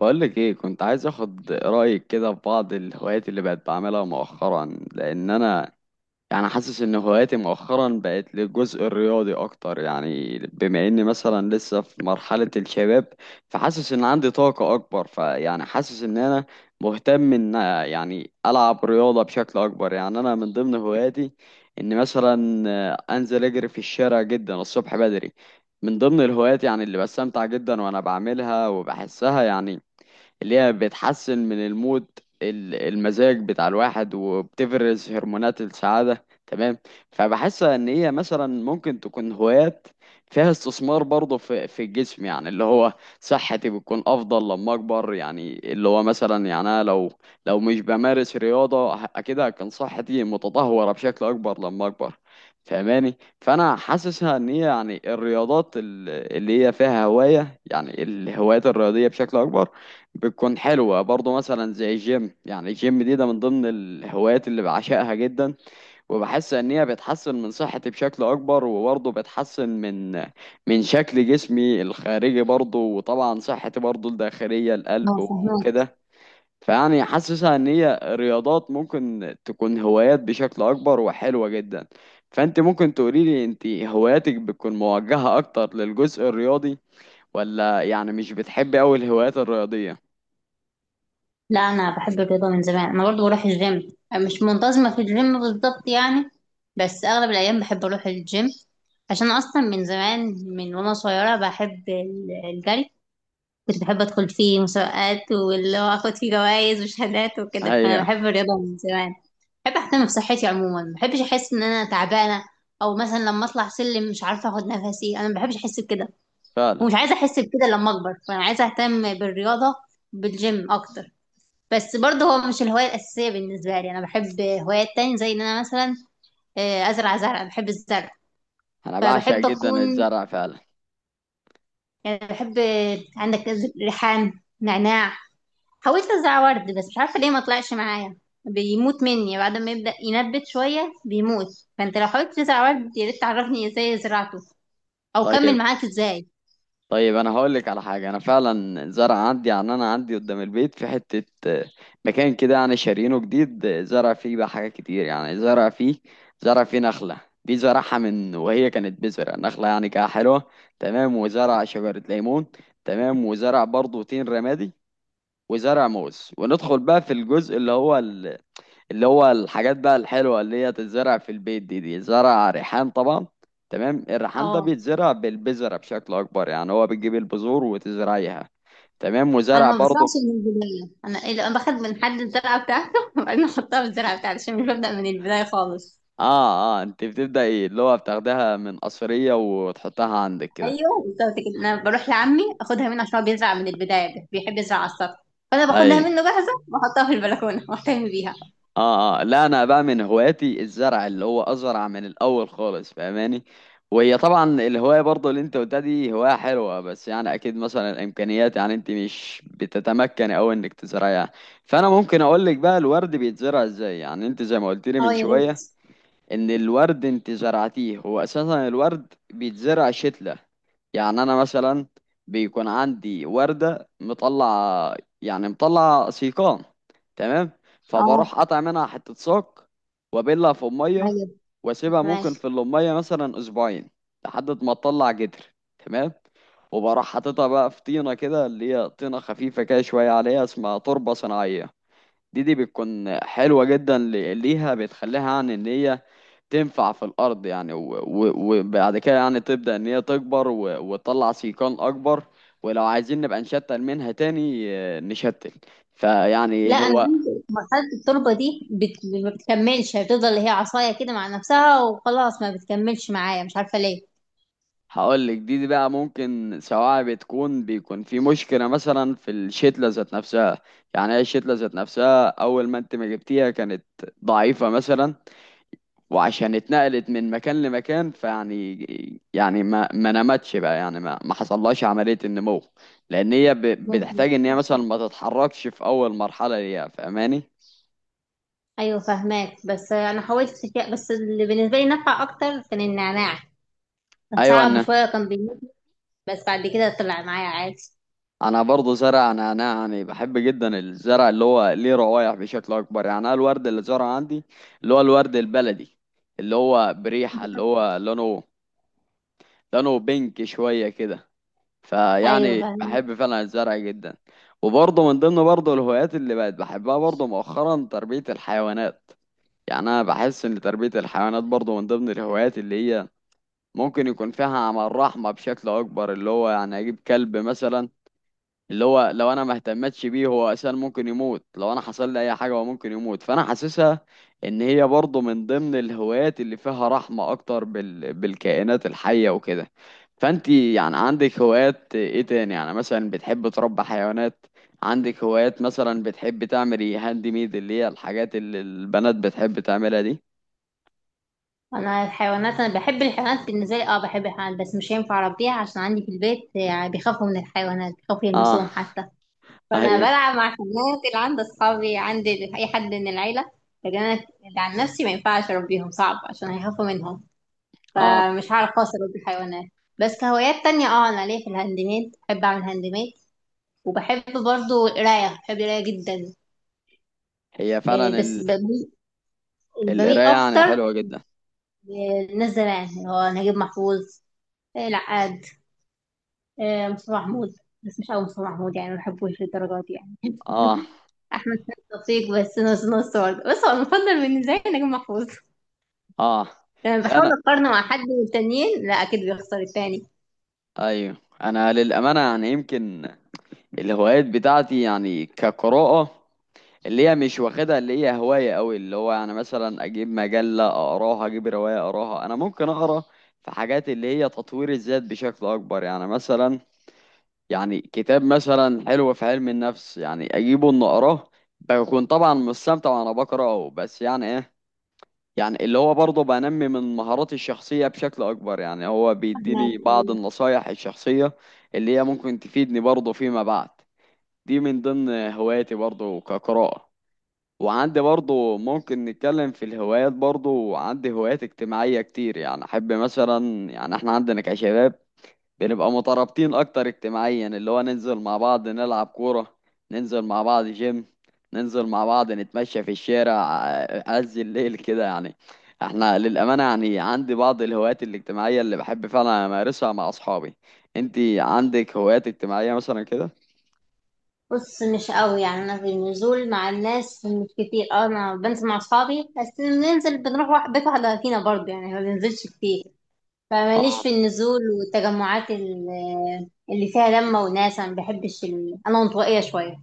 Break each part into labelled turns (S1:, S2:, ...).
S1: بقولك ايه، كنت عايز اخد رأيك كده في بعض الهوايات اللي بقت بعملها مؤخرا. لان انا يعني حاسس ان هواياتي مؤخرا بقت للجزء الرياضي اكتر، يعني بما اني مثلا لسه في مرحلة الشباب، فحاسس ان عندي طاقة اكبر، فيعني حاسس ان انا مهتم ان يعني العب رياضة بشكل اكبر. يعني انا من ضمن هواياتي ان مثلا انزل اجري في الشارع جدا الصبح بدري، من ضمن الهوايات يعني اللي بستمتع جدا وانا بعملها وبحسها، يعني اللي هي بتحسن من المود، المزاج بتاع الواحد وبتفرز هرمونات السعادة. تمام. فبحس ان هي مثلا ممكن تكون هوايات فيها استثمار برضه في الجسم، يعني اللي هو صحتي بتكون افضل لما اكبر. يعني اللي هو مثلا يعني انا لو مش بمارس رياضة اكيد هتكون صحتي متدهورة بشكل اكبر لما اكبر، فاهماني؟ فانا حاسسها ان هي يعني الرياضات اللي هي فيها هواية، يعني الهوايات الرياضية بشكل اكبر بتكون حلوة برضه، مثلا زي الجيم. يعني الجيم دي ده من ضمن الهوايات اللي بعشقها جدا، وبحس ان هي بتحسن من صحتي بشكل اكبر، وبرضه بتحسن من شكل جسمي الخارجي برضه، وطبعا صحتي برضه الداخلية،
S2: اه،
S1: القلب
S2: فهمت.
S1: وكده. فيعني حاسسها ان هي رياضات ممكن تكون هوايات بشكل اكبر وحلوة جدا. فانت ممكن تقوليلي انت هواياتك بتكون موجهة اكتر للجزء الرياضي، ولا يعني مش بتحبي اوي الهوايات الرياضية؟
S2: لا، انا بحب الرياضه من زمان. انا برضو بروح الجيم، مش منتظمه في الجيم بالظبط يعني، بس اغلب الايام بحب اروح الجيم عشان اصلا من زمان، من وانا صغيره بحب الجري. كنت بحب ادخل فيه مسابقات واللي هو اخد فيه جوائز وشهادات وكده، فانا
S1: هي
S2: بحب الرياضه من زمان. بحب اهتم بصحتي عموما، ما بحبش احس ان انا تعبانه، او مثلا لما اطلع سلم مش عارفه اخد نفسي، انا ما بحبش احس بكده،
S1: فعلا.
S2: ومش عايزه احس بكده لما اكبر، فانا عايزه اهتم بالرياضه، بالجيم اكتر. بس برضه هو مش الهواية الأساسية بالنسبة لي، أنا بحب هوايات تانية زي إن أنا مثلا أزرع زرع. بحب الزرع،
S1: انا بعشق
S2: فبحب
S1: جدا
S2: أكون
S1: الزرع فعلا.
S2: يعني بحب، عندك ريحان، نعناع. حاولت أزرع ورد بس مش عارفة ليه ما طلعش معايا، بيموت مني بعد ما يبدأ ينبت شوية بيموت. فأنت لو حاولت تزرع ورد يا ريت تعرفني إزاي زرعته أو كمل
S1: طيب.
S2: معاك إزاي.
S1: طيب انا هقول لك على حاجه. انا فعلا زرع عندي، يعني انا عندي قدام البيت في حته مكان كده، يعني شارينه جديد. زرع فيه بقى حاجات كتير، يعني زرع فيه نخله، دي زرعها من وهي كانت بذره نخله، يعني كده حلوه. تمام. وزرع شجره ليمون. تمام. وزرع برضه تين رمادي، وزرع موز. وندخل بقى في الجزء اللي هو اللي هو الحاجات بقى الحلوة اللي هي تتزرع في البيت. دي زرع ريحان طبعا. تمام. الريحان ده
S2: اه،
S1: بيتزرع بالبذرة بشكل أكبر، يعني هو بتجيب البذور وتزرعيها. تمام.
S2: انا
S1: وزرع
S2: ما
S1: برضه.
S2: بزرعش من البدايه، انا باخد من حد الزرعه بتاعته وبعدين احطها في الزرعه بتاعتي عشان مش ببدا من البدايه خالص.
S1: اه اه، انت بتبدأ ايه اللي هو بتاخدها من قصرية وتحطها عندك كده؟
S2: ايوه بالظبط كده، انا بروح لعمي اخدها منه عشان هو بيزرع من البدايه، ده بيحب يزرع على السطح، فانا باخدها
S1: اي.
S2: منه جاهزه واحطها في البلكونه واهتم بيها.
S1: اه اه، لا، انا بقى من هواياتي الزرع اللي هو ازرع من الاول خالص، فاهماني؟ وهي طبعا الهوايه برضه اللي انت قلتها دي هوايه حلوه، بس يعني اكيد مثلا الامكانيات، يعني انت مش بتتمكن او انك تزرعيها. فانا ممكن اقول لك بقى الورد بيتزرع ازاي. يعني انت زي ما قلت لي
S2: اه،
S1: من
S2: يا ريت.
S1: شويه ان الورد انت زرعتيه، هو اساسا الورد بيتزرع شتلة. يعني انا مثلا بيكون عندي وردة مطلع، يعني مطلع سيقان. تمام.
S2: اه،
S1: فبروح قطع منها حتة ساق، وابلها في المية،
S2: ايوه
S1: واسيبها ممكن
S2: فهمك.
S1: في المية مثلا اسبوعين، لحد ما تطلع جدر. تمام. وبروح حاططها بقى في طينة كده، اللي هي طينة خفيفة كده شوية، عليها اسمها تربة صناعية. دي بتكون حلوة جدا ليها، بتخليها عن ان هي تنفع في الأرض يعني. وبعد كده يعني تبدأ إن هي تكبر، وتطلع سيقان أكبر. ولو عايزين نبقى نشتل منها تاني، نشتل.
S2: لا،
S1: فيعني
S2: انا
S1: هو،
S2: عندي مرحله التربه دي ما بتكملش، هي بتفضل هي عصايه كده مع نفسها وخلاص، ما بتكملش معايا مش عارفه ليه.
S1: هقول لك. دي بقى ممكن سواء بتكون بيكون في مشكلة مثلا في الشتلة ذات نفسها، يعني هي الشتلة ذات نفسها أول ما أنت ما جبتيها كانت ضعيفة مثلا، وعشان اتنقلت من مكان لمكان، فيعني يعني ما نمتش بقى، يعني ما حصلهاش عملية النمو، لأن هي
S2: ممكن،
S1: بتحتاج إن هي مثلا
S2: عارفة.
S1: ما تتحركش في أول مرحلة ليها، فاهماني؟
S2: ايوه فهماك، بس انا حاولت بس اللي بالنسبه لي نفع اكتر كان النعناع، كان
S1: أيوة.
S2: صعب
S1: أنا
S2: شويه كان بيموت، بس بعد كده طلع معايا عادي.
S1: أنا برضه زرع. أنا يعني بحب جدا الزرع اللي هو ليه روايح بشكل أكبر. يعني أنا الورد اللي زرعه عندي، اللي هو الورد البلدي، اللي هو بريحة، اللي هو لونه، لونه بينك شوية كده.
S2: ايوه
S1: فيعني
S2: فهماك.
S1: بحب فعلا الزرع جدا. وبرضه من ضمن برضه الهوايات اللي بقت بحبها برضه مؤخرا تربية الحيوانات. يعني أنا بحس إن تربية الحيوانات برضه من ضمن الهوايات اللي هي ممكن يكون فيها عمل رحمة بشكل أكبر، اللي هو يعني أجيب كلب مثلا، اللي هو لو انا ما اهتمتش بيه هو اساسا ممكن يموت، لو انا حصل لي اي حاجه هو ممكن يموت. فانا حاسسها ان هي برضه من ضمن الهوايات اللي فيها رحمه اكتر بالكائنات الحيه وكده. فانتي يعني عندك هوايات ايه تاني؟ يعني مثلا بتحب تربي حيوانات؟ عندك هوايات مثلا بتحب تعملي هاند ميد، اللي هي الحاجات اللي البنات بتحب تعملها دي؟
S2: انا الحيوانات، انا بحب الحيوانات، بالنسبه لي اه بحب الحيوانات، بس مش هينفع اربيها عشان عندي في البيت يعني بيخافوا من الحيوانات، بيخافوا
S1: اه.
S2: يلمسوهم حتى، فانا
S1: ايوه.
S2: بلعب مع الحيوانات اللي عند اصحابي، عند اي حد من العيله. لكن انا اللي عن نفسي ما ينفعش اربيهم، صعب عشان هيخافوا منهم،
S1: اه.
S2: فمش هعرف خالص اربي الحيوانات. بس كهوايات تانية، اه انا ليا في الهاند ميد، بحب اعمل هاند ميد، وبحب برضو القرايه، بحب القرايه جدا.
S1: هي فعلا
S2: بس بميل
S1: القرايه يعني
S2: اكتر
S1: حلوه جدا.
S2: للناس زمان اللي هو نجيب محفوظ، العقاد، مصطفى محمود. بس مش قوي مصطفى محمود يعني ما بحبوش للدرجات دي يعني
S1: اه
S2: احمد سعد لطيف بس نص نص برضه، بس هو المفضل بالنسبه لي نجم محفوظ.
S1: اه.
S2: لما
S1: لا،
S2: بحاول
S1: انا.
S2: اقارنه مع حد من التانيين لا اكيد بيخسر التاني.
S1: ايوه. انا للامانه يعني يمكن الهوايات بتاعتي يعني كقراءه، اللي هي مش واخدها اللي هي هوايه قوي، اللي هو يعني مثلا اجيب مجله اقراها اجيب روايه اقراها. انا ممكن اقرا في حاجات اللي هي تطوير الذات بشكل اكبر، يعني مثلا يعني كتاب مثلا حلو في علم النفس يعني اجيبه ان اقراه. بكون طبعا مستمتع وانا بقراه، بس يعني ايه، يعني اللي هو برضه بنمي من مهاراتي الشخصية بشكل أكبر. يعني هو
S2: أحمد
S1: بيديني بعض
S2: إيه؟
S1: النصايح الشخصية اللي هي ممكن تفيدني برضه فيما بعد. دي من ضمن هواياتي برضه كقراءة. وعندي برضه، ممكن نتكلم في الهوايات برضه، عندي هوايات اجتماعية كتير. يعني أحب مثلا، يعني احنا عندنا كشباب بنبقى مترابطين اكتر اجتماعيا، اللي هو ننزل مع بعض نلعب كورة، ننزل مع بعض جيم، ننزل مع بعض نتمشى في الشارع عز الليل كده، يعني احنا للأمانة يعني عندي بعض الهوايات الاجتماعية اللي بحب فعلا امارسها مع اصحابي. انتي عندك هوايات اجتماعية مثلا كده؟
S2: بص، مش قوي يعني، انا في النزول مع الناس مش كتير. اه انا بنزل مع اصحابي، بس بننزل بنروح واحد بيت واحده فينا برضه يعني، ما بننزلش كتير. فماليش
S1: اه
S2: في النزول والتجمعات اللي فيها لمه وناس، انا ما بحبش انا انطوائيه شويه،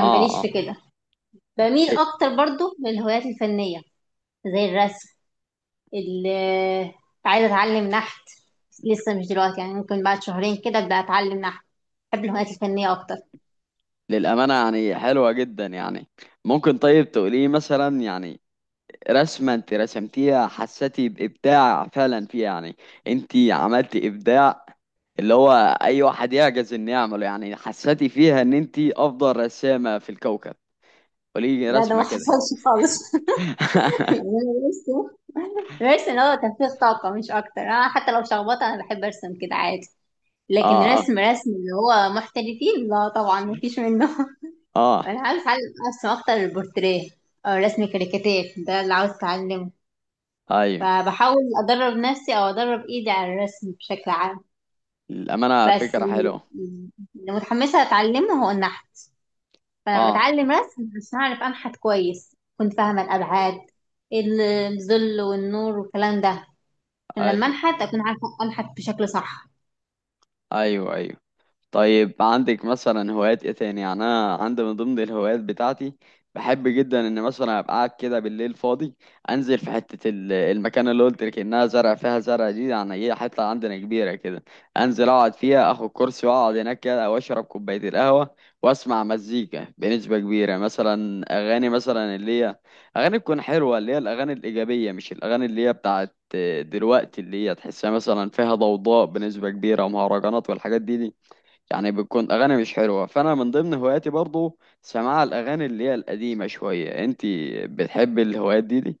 S1: اه
S2: في
S1: اه.
S2: كده. بميل
S1: إيه،
S2: اكتر برضو للهوايات الفنيه زي الرسم. اللي عايزه اتعلم نحت، بس لسه مش دلوقتي يعني ممكن بعد شهرين كده ابدا اتعلم نحت. بحب الهوايات الفنيه اكتر.
S1: للأمانة يعني حلوة جدا. يعني ممكن طيب تقولي مثلا يعني رسمة انت رسمتيها حسيتي بإبداع فعلا فيها، يعني انت عملتي إبداع اللي هو أي واحد يعجز إنه يعمله؟ يعني حسيتي فيها إن انت أفضل رسامة في الكوكب؟ قولي لي
S2: لا، ده ما
S1: رسمة كده.
S2: حصلش خالص يعني انا برسم، برسم هو تنفيذ طاقه مش اكتر. انا حتى لو شخبطه انا بحب ارسم كده عادي. لكن
S1: اه اه
S2: رسم رسم اللي هو محترفين لا طبعا مفيش منه
S1: اه.
S2: انا عاوز اتعلم ارسم اكتر البورتريه، او رسم كاريكاتير، ده اللي عاوز اتعلمه.
S1: ايوه.
S2: فبحاول أدرب نفسي أو أدرب إيدي على الرسم بشكل عام.
S1: الأمانة
S2: بس
S1: فكرة حلوة.
S2: اللي متحمسة أتعلمه هو النحت. فأنا
S1: اه.
S2: بتعلم رسم عشان أعرف أنحت كويس، كنت فاهمة الأبعاد، الظل والنور والكلام ده، عشان لما
S1: ايوه
S2: أنحت أكون عارفة أنحت بشكل صح.
S1: ايوه ايوه. طيب عندك مثلا هوايات ايه تاني؟ يعني انا عندي من ضمن الهوايات بتاعتي بحب جدا ان مثلا ابقى قاعد كده بالليل فاضي، انزل في حته المكان اللي قلت لك انها زرع فيها زرع دي، يعني هي حته عندنا كبيره كده، انزل اقعد فيها اخد كرسي واقعد هناك كده واشرب كوبايه القهوه واسمع مزيكا بنسبه كبيره، مثلا اغاني مثلا اللي هي اغاني تكون حلوه، اللي هي الاغاني الايجابيه، مش الاغاني اللي هي بتاعت دلوقتي اللي هي تحسها مثلا فيها ضوضاء بنسبه كبيره ومهرجانات والحاجات دي، يعني بتكون اغاني مش حلوه. فانا من ضمن هواياتي برضو سماع الاغاني اللي هي القديمه شويه. انتي بتحبي الهوايات دي دي؟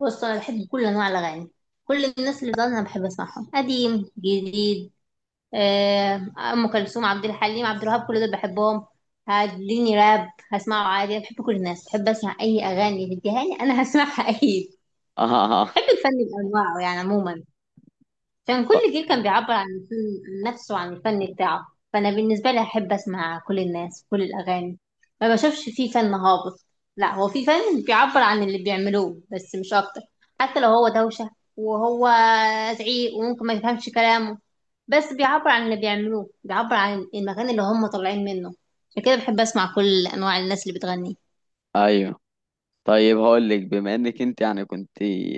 S2: بص، أنا بحب كل أنواع الأغاني، كل الناس اللي بتغني أنا بحب أسمعهم، قديم جديد، ام كلثوم، عبد الحليم، عبد الوهاب، كل دول بحبهم. هتديني راب هسمعه عادي، بحب كل الناس، بحب اسمع اي اغاني تديها لي انا هسمعها اكيد.
S1: اه. آه.
S2: بحب الفن بانواعه يعني عموما. كان
S1: ط-
S2: كل جيل كان بيعبر عن عن نفسه وعن الفن بتاعه. فانا بالنسبه لي احب اسمع كل الناس كل الاغاني، ما بشوفش فيه فن هابط، لا هو في فن بيعبر عن اللي بيعملوه بس مش اكتر. حتى لو هو دوشه وهو زعيق وممكن ما يفهمش كلامه، بس بيعبر عن اللي بيعملوه، بيعبر عن المكان اللي هم طالعين منه. عشان كده بحب اسمع كل انواع الناس اللي بتغني.
S1: ايوه. طيب هقول لك، بما انك انت يعني كنت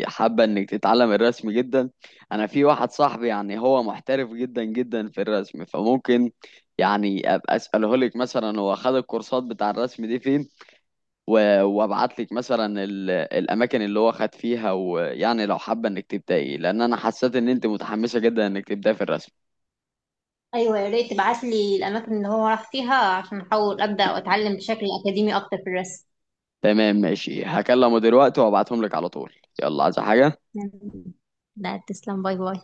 S1: حابه انك تتعلم الرسم جدا، انا في واحد صاحبي يعني هو محترف جدا في الرسم، فممكن يعني ابقى اساله لك مثلا هو خد الكورسات بتاع الرسم دي فين، وابعت لك مثلا الاماكن اللي هو خد فيها. ويعني لو حابه انك تبداي، لان انا حسيت ان انت متحمسه جدا انك تبداي في الرسم.
S2: ايوه، يا ريت تبعت لي الاماكن اللي هو راح فيها عشان احاول ابدا واتعلم بشكل اكاديمي اكتر في الرسم.
S1: تمام. ماشي، هكلمه دلوقتي وابعتهم لك على طول. يلا، عايزه حاجه؟
S2: لا، تسلم. باي باي.